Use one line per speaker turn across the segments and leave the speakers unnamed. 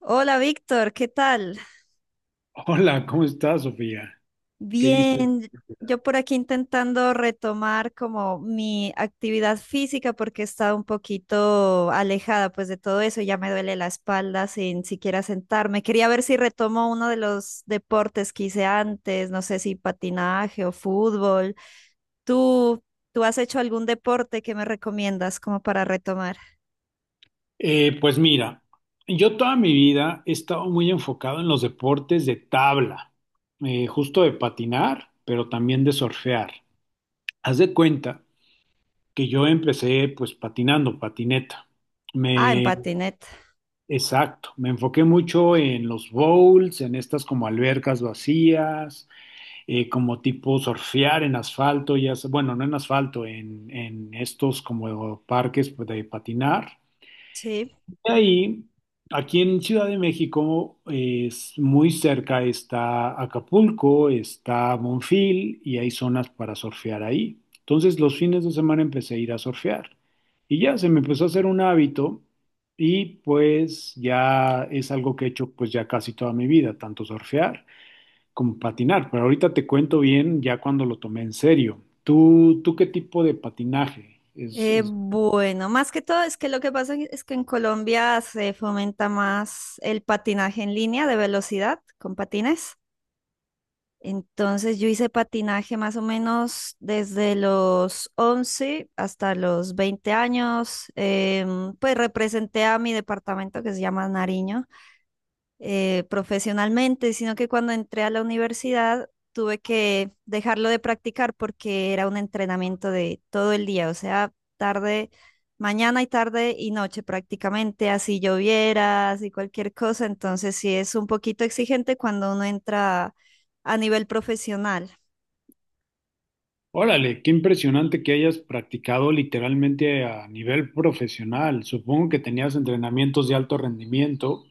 Hola Víctor, ¿qué tal?
Hola, ¿cómo estás, Sofía? ¿Qué dices?
Bien, yo por aquí intentando retomar como mi actividad física porque he estado un poquito alejada pues de todo eso, ya me duele la espalda sin siquiera sentarme. Quería ver si retomo uno de los deportes que hice antes, no sé si patinaje o fútbol. ¿Tú, tú has hecho algún deporte que me recomiendas como para retomar?
Pues mira, yo toda mi vida he estado muy enfocado en los deportes de tabla, justo de patinar, pero también de surfear. Haz de cuenta que yo empecé pues patinando, patineta.
Ah, en
Me,
patineta.
exacto, me enfoqué mucho en los bowls, en estas como albercas vacías, como tipo surfear en asfalto, ya, bueno, no en asfalto, en estos como parques pues, de patinar.
Sí.
De ahí, aquí en Ciudad de México, es muy cerca, está Acapulco, está Monfil y hay zonas para surfear ahí. Entonces los fines de semana empecé a ir a surfear y ya se me empezó a hacer un hábito, y pues ya es algo que he hecho pues ya casi toda mi vida, tanto surfear como patinar. Pero ahorita te cuento bien ya cuando lo tomé en serio. ¿¿Tú qué tipo de patinaje?
Bueno, más que todo es que lo que pasa es que en Colombia se fomenta más el patinaje en línea de velocidad con patines. Entonces yo hice patinaje más o menos desde los 11 hasta los 20 años. Pues representé a mi departamento que se llama Nariño profesionalmente, sino que cuando entré a la universidad tuve que dejarlo de practicar porque era un entrenamiento de todo el día, o sea, tarde, mañana y tarde y noche prácticamente, así lloviera, así cualquier cosa, entonces sí es un poquito exigente cuando uno entra a nivel profesional.
Órale, qué impresionante que hayas practicado literalmente a nivel profesional. Supongo que tenías entrenamientos de alto rendimiento.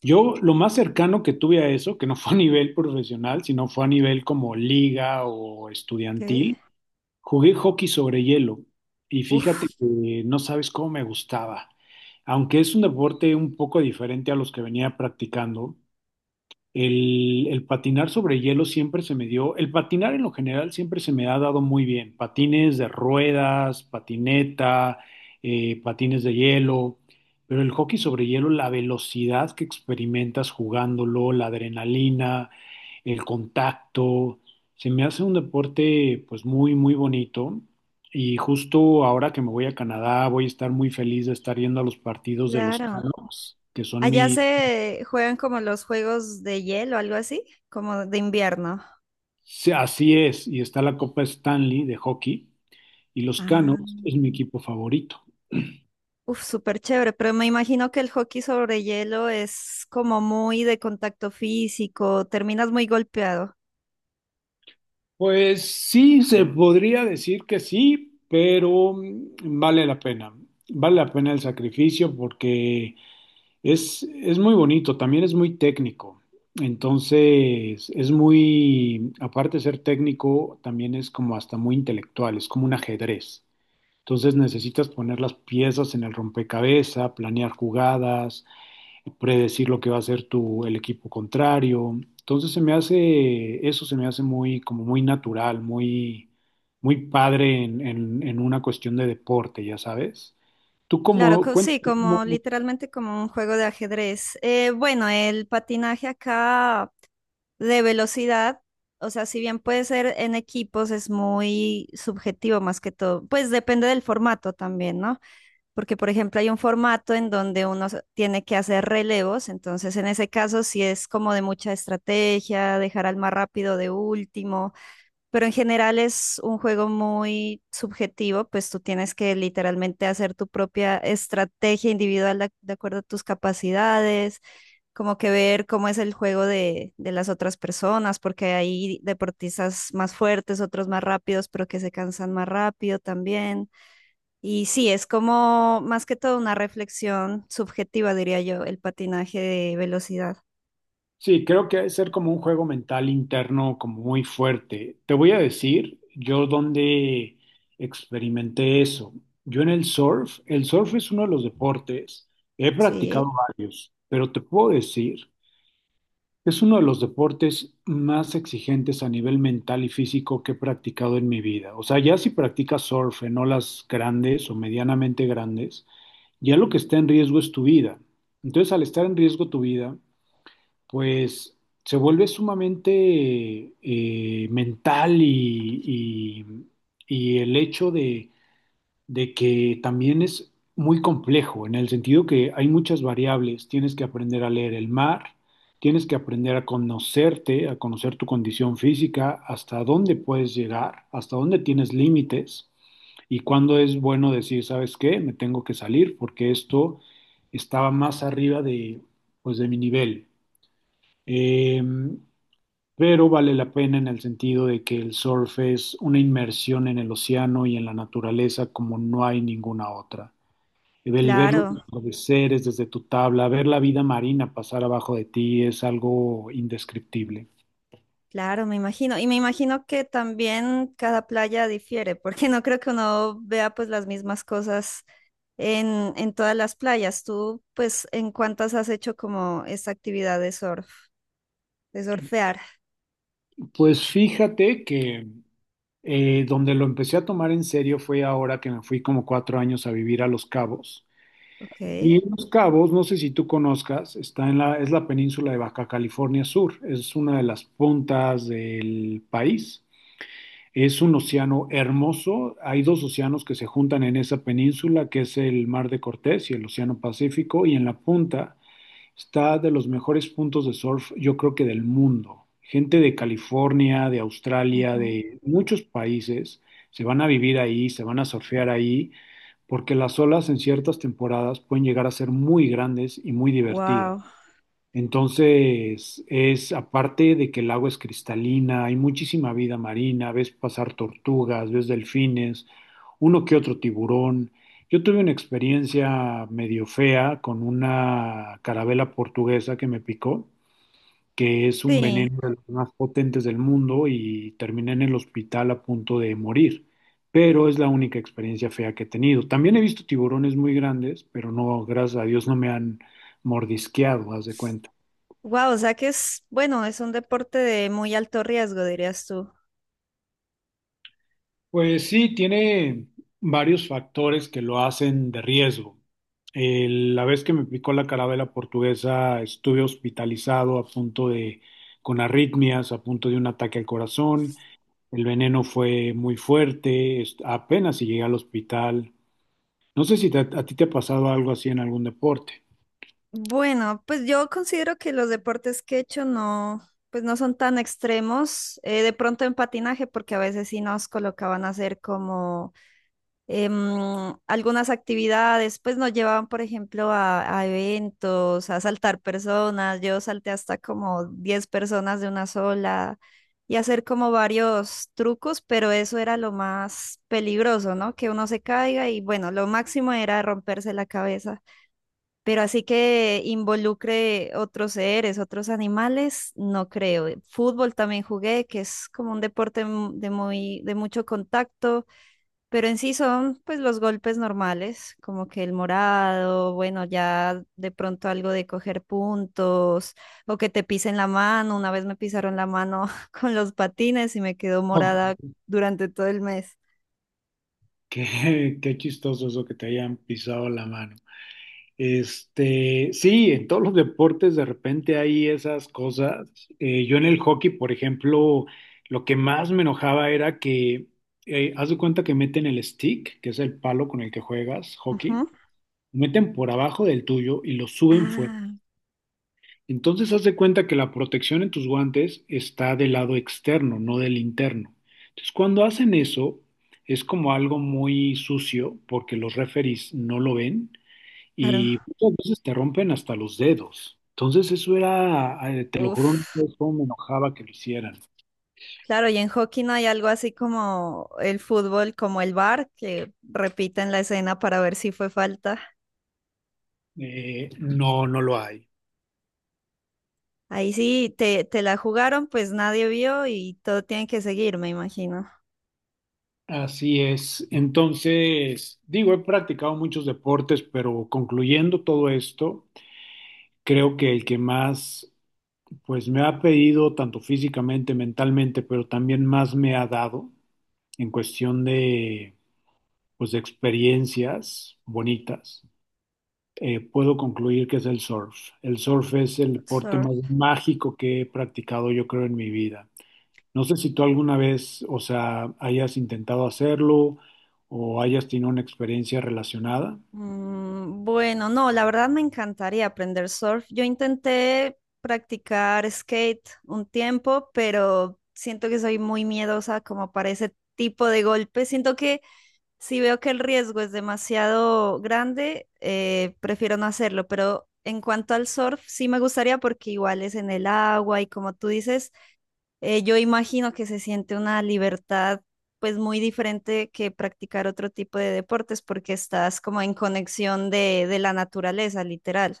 Yo lo más cercano que tuve a eso, que no fue a nivel profesional, sino fue a nivel como liga o
¿Ok?
estudiantil, jugué hockey sobre hielo, y fíjate
Uf,
que no sabes cómo me gustaba. Aunque es un deporte un poco diferente a los que venía practicando, el patinar sobre hielo siempre se me dio, el patinar en lo general siempre se me ha dado muy bien. Patines de ruedas, patineta, patines de hielo, pero el hockey sobre hielo, la velocidad que experimentas jugándolo, la adrenalina, el contacto, se me hace un deporte pues muy, muy bonito. Y justo ahora que me voy a Canadá, voy a estar muy feliz de estar yendo a los partidos de los
claro.
Canucks, que son
Allá
mi...
se juegan como los juegos de hielo, algo así, como de invierno.
Sí, así es, y está la Copa Stanley de hockey, y los Canucks
Ah.
es mi equipo favorito.
Uf, súper chévere, pero me imagino que el hockey sobre hielo es como muy de contacto físico, terminas muy golpeado.
Pues sí, se podría decir que sí, pero vale la pena. Vale la pena el sacrificio porque es muy bonito, también es muy técnico. Entonces, es muy, aparte de ser técnico, también es como hasta muy intelectual, es como un ajedrez. Entonces necesitas poner las piezas en el rompecabezas, planear jugadas, predecir lo que va a hacer tu, el equipo contrario. Entonces se me hace, eso se me hace muy, como muy natural, muy, muy padre en, en una cuestión de deporte, ya sabes. Tú
Claro,
como, cuéntame
sí, como
cómo...
literalmente como un juego de ajedrez. Bueno, el patinaje acá de velocidad, o sea, si bien puede ser en equipos, es muy subjetivo más que todo. Pues depende del formato también, ¿no? Porque, por ejemplo, hay un formato en donde tiene que hacer relevos, entonces en ese caso sí es como de mucha estrategia, dejar al más rápido de último, pero en general es un juego muy subjetivo, pues tú tienes que literalmente hacer tu propia estrategia individual de, de acuerdo a tus capacidades, como que ver cómo es el juego de las otras personas, porque hay deportistas más fuertes, otros más rápidos, pero que se cansan más rápido también. Y sí, es como más que todo una reflexión subjetiva, diría yo, el patinaje de velocidad.
Sí, creo que debe ser como un juego mental interno, como muy fuerte. Te voy a decir, yo donde experimenté eso. Yo en el surf es uno de los deportes, he practicado
Sí,
varios, pero te puedo decir... Es uno de los deportes más exigentes a nivel mental y físico que he practicado en mi vida. O sea, ya si practicas surf en olas grandes o medianamente grandes, ya lo que está en riesgo es tu vida. Entonces, al estar en riesgo tu vida, pues se vuelve sumamente mental, y- y el hecho de que también es muy complejo, en el sentido que hay muchas variables, tienes que aprender a leer el mar, tienes que aprender a conocerte, a conocer tu condición física, hasta dónde puedes llegar, hasta dónde tienes límites y cuándo es bueno decir, ¿sabes qué? Me tengo que salir porque esto estaba más arriba de, pues, de mi nivel. Em, pero vale la pena en el sentido de que el surf es una inmersión en el océano y en la naturaleza como no hay ninguna otra. El ver los
claro,
atardeceres desde tu tabla, ver la vida marina pasar abajo de ti es algo indescriptible.
claro, me imagino. Y me imagino que también cada playa difiere, porque no creo que uno vea pues las mismas cosas en todas las playas. Tú, pues, ¿en cuántas has hecho como esta actividad de surf, de surfear?
Pues fíjate que donde lo empecé a tomar en serio fue ahora que me fui como 4 años a vivir a Los Cabos.
Ok.
Y en Los Cabos, no sé si tú conozcas, está en la, es la península de Baja California Sur, es una de las puntas del país. Es un océano hermoso. Hay dos océanos que se juntan en esa península, que es el Mar de Cortés y el Océano Pacífico, y en la punta está de los mejores puntos de surf, yo creo que del mundo. Gente de California, de Australia, de muchos países se van a vivir ahí, se van a surfear ahí, porque las olas en ciertas temporadas pueden llegar a ser muy grandes y muy divertidas.
Wow.
Entonces, es aparte de que el agua es cristalina, hay muchísima vida marina, ves pasar tortugas, ves delfines, uno que otro tiburón. Yo tuve una experiencia medio fea con una carabela portuguesa que me picó, que es un
Sí.
veneno de los más potentes del mundo, y terminé en el hospital a punto de morir. Pero es la única experiencia fea que he tenido. También he visto tiburones muy grandes, pero no, gracias a Dios, no me han mordisqueado, haz de cuenta.
Wow, o sea que es, bueno, es un deporte de muy alto riesgo, dirías tú.
Pues sí, tiene varios factores que lo hacen de riesgo. La vez que me picó la carabela portuguesa, estuve hospitalizado a punto de, con arritmias, a punto de un ataque al corazón. El veneno fue muy fuerte, apenas si llegué al hospital. No sé si a ti te ha pasado algo así en algún deporte.
Bueno, pues yo considero que los deportes que he hecho no, pues no son tan extremos. De pronto en patinaje, porque a veces sí nos colocaban a hacer como algunas actividades, pues nos llevaban, por ejemplo, a eventos, a saltar personas. Yo salté hasta como 10 personas de una sola y hacer como varios trucos, pero eso era lo más peligroso, ¿no? Que uno se caiga y bueno, lo máximo era romperse la cabeza. Pero así que involucre otros seres, otros animales, no creo. Fútbol también jugué, que es como un deporte de muy, de mucho contacto, pero en sí son pues los golpes normales, como que el morado, bueno, ya de pronto algo de coger puntos o que te pisen la mano. Una vez me pisaron la mano con los patines y me quedó
Oh,
morada durante todo el mes.
Qué chistoso eso que te hayan pisado la mano. Este, sí, en todos los deportes de repente hay esas cosas. Yo en el hockey, por ejemplo, lo que más me enojaba era que, haz de cuenta que meten el stick, que es el palo con el que juegas hockey,
Ujú.
lo meten por abajo del tuyo y lo suben fuera.
Ah,
Entonces, haz de cuenta que la protección en tus guantes está del lado externo, no del interno. Entonces, cuando hacen eso, es como algo muy sucio porque los referees no lo ven,
claro.
y muchas veces te rompen hasta los dedos. Entonces eso era, te lo juro, no
Uf.
sabes cómo me enojaba que lo hicieran.
Claro, y en hockey no hay algo así como el fútbol, como el bar que repiten la escena para ver si fue falta.
No, no lo hay.
Ahí sí, te la jugaron, pues nadie vio y todo tiene que seguir, me imagino.
Así es. Entonces, digo, he practicado muchos deportes, pero concluyendo todo esto, creo que el que más, pues me ha pedido, tanto físicamente, mentalmente, pero también más me ha dado en cuestión de, pues, de experiencias bonitas, puedo concluir que es el surf. El surf es el deporte
Surf.
más mágico que he practicado, yo creo, en mi vida. No sé si tú alguna vez, o sea, hayas intentado hacerlo o hayas tenido una experiencia relacionada.
Mm, bueno, no, la verdad me encantaría aprender surf. Yo intenté practicar skate un tiempo, pero siento que soy muy miedosa como para ese tipo de golpes. Siento que si veo que el riesgo es demasiado grande, prefiero no hacerlo, pero en cuanto al surf, sí me gustaría porque igual es en el agua y como tú dices, yo imagino que se siente una libertad pues muy diferente que practicar otro tipo de deportes porque estás como en conexión de la naturaleza, literal.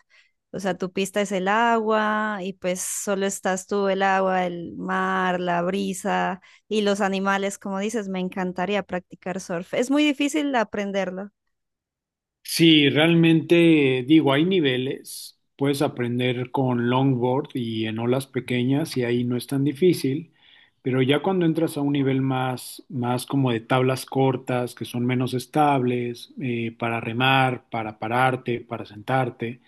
O sea, tu pista es el agua y pues solo estás tú, el agua, el mar, la brisa y los animales, como dices, me encantaría practicar surf. Es muy difícil aprenderlo.
Sí, realmente digo, hay niveles, puedes aprender con longboard y en olas pequeñas y ahí no es tan difícil, pero ya cuando entras a un nivel más, más como de tablas cortas, que son menos estables, para remar, para pararte, para sentarte,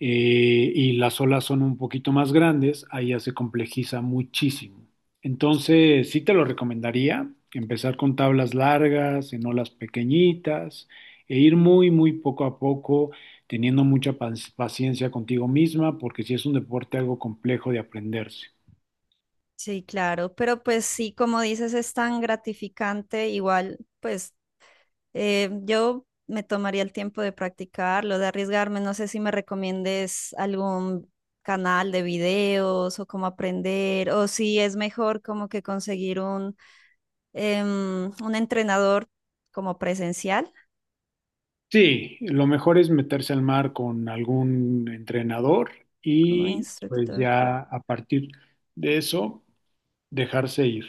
y las olas son un poquito más grandes, ahí ya se complejiza muchísimo. Entonces, sí te lo recomendaría, empezar con tablas largas, en olas pequeñitas, e ir muy, muy poco a poco, teniendo mucha paciencia contigo misma, porque sí es un deporte algo complejo de aprenderse.
Sí, claro, pero pues sí, como dices, es tan gratificante, igual, pues yo me tomaría el tiempo de practicarlo, de arriesgarme. No sé si me recomiendes algún canal de videos o cómo aprender, o si es mejor como que conseguir un, un entrenador como presencial,
Sí, lo mejor es meterse al mar con algún entrenador
como un
y pues
instructor.
ya a partir de eso dejarse ir.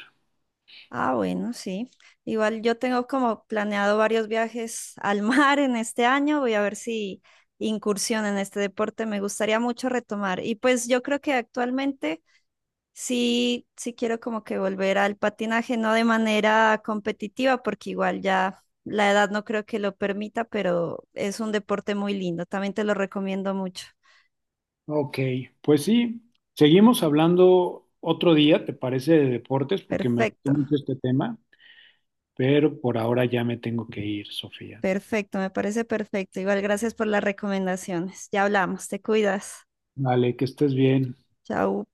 Ah, bueno, sí. Igual yo tengo como planeado varios viajes al mar en este año. Voy a ver si incursión en este deporte me gustaría mucho retomar. Y pues yo creo que actualmente sí, sí quiero como que volver al patinaje, no de manera competitiva, porque igual ya la edad no creo que lo permita, pero es un deporte muy lindo, también te lo recomiendo mucho.
Ok, pues sí, seguimos hablando otro día, ¿te parece, de deportes? Porque me gustó
Perfecto,
mucho este tema, pero por ahora ya me tengo que ir, Sofía.
perfecto, me parece perfecto. Igual gracias por las recomendaciones. Ya hablamos, te cuidas.
Vale, que estés bien. Chao.
Chao.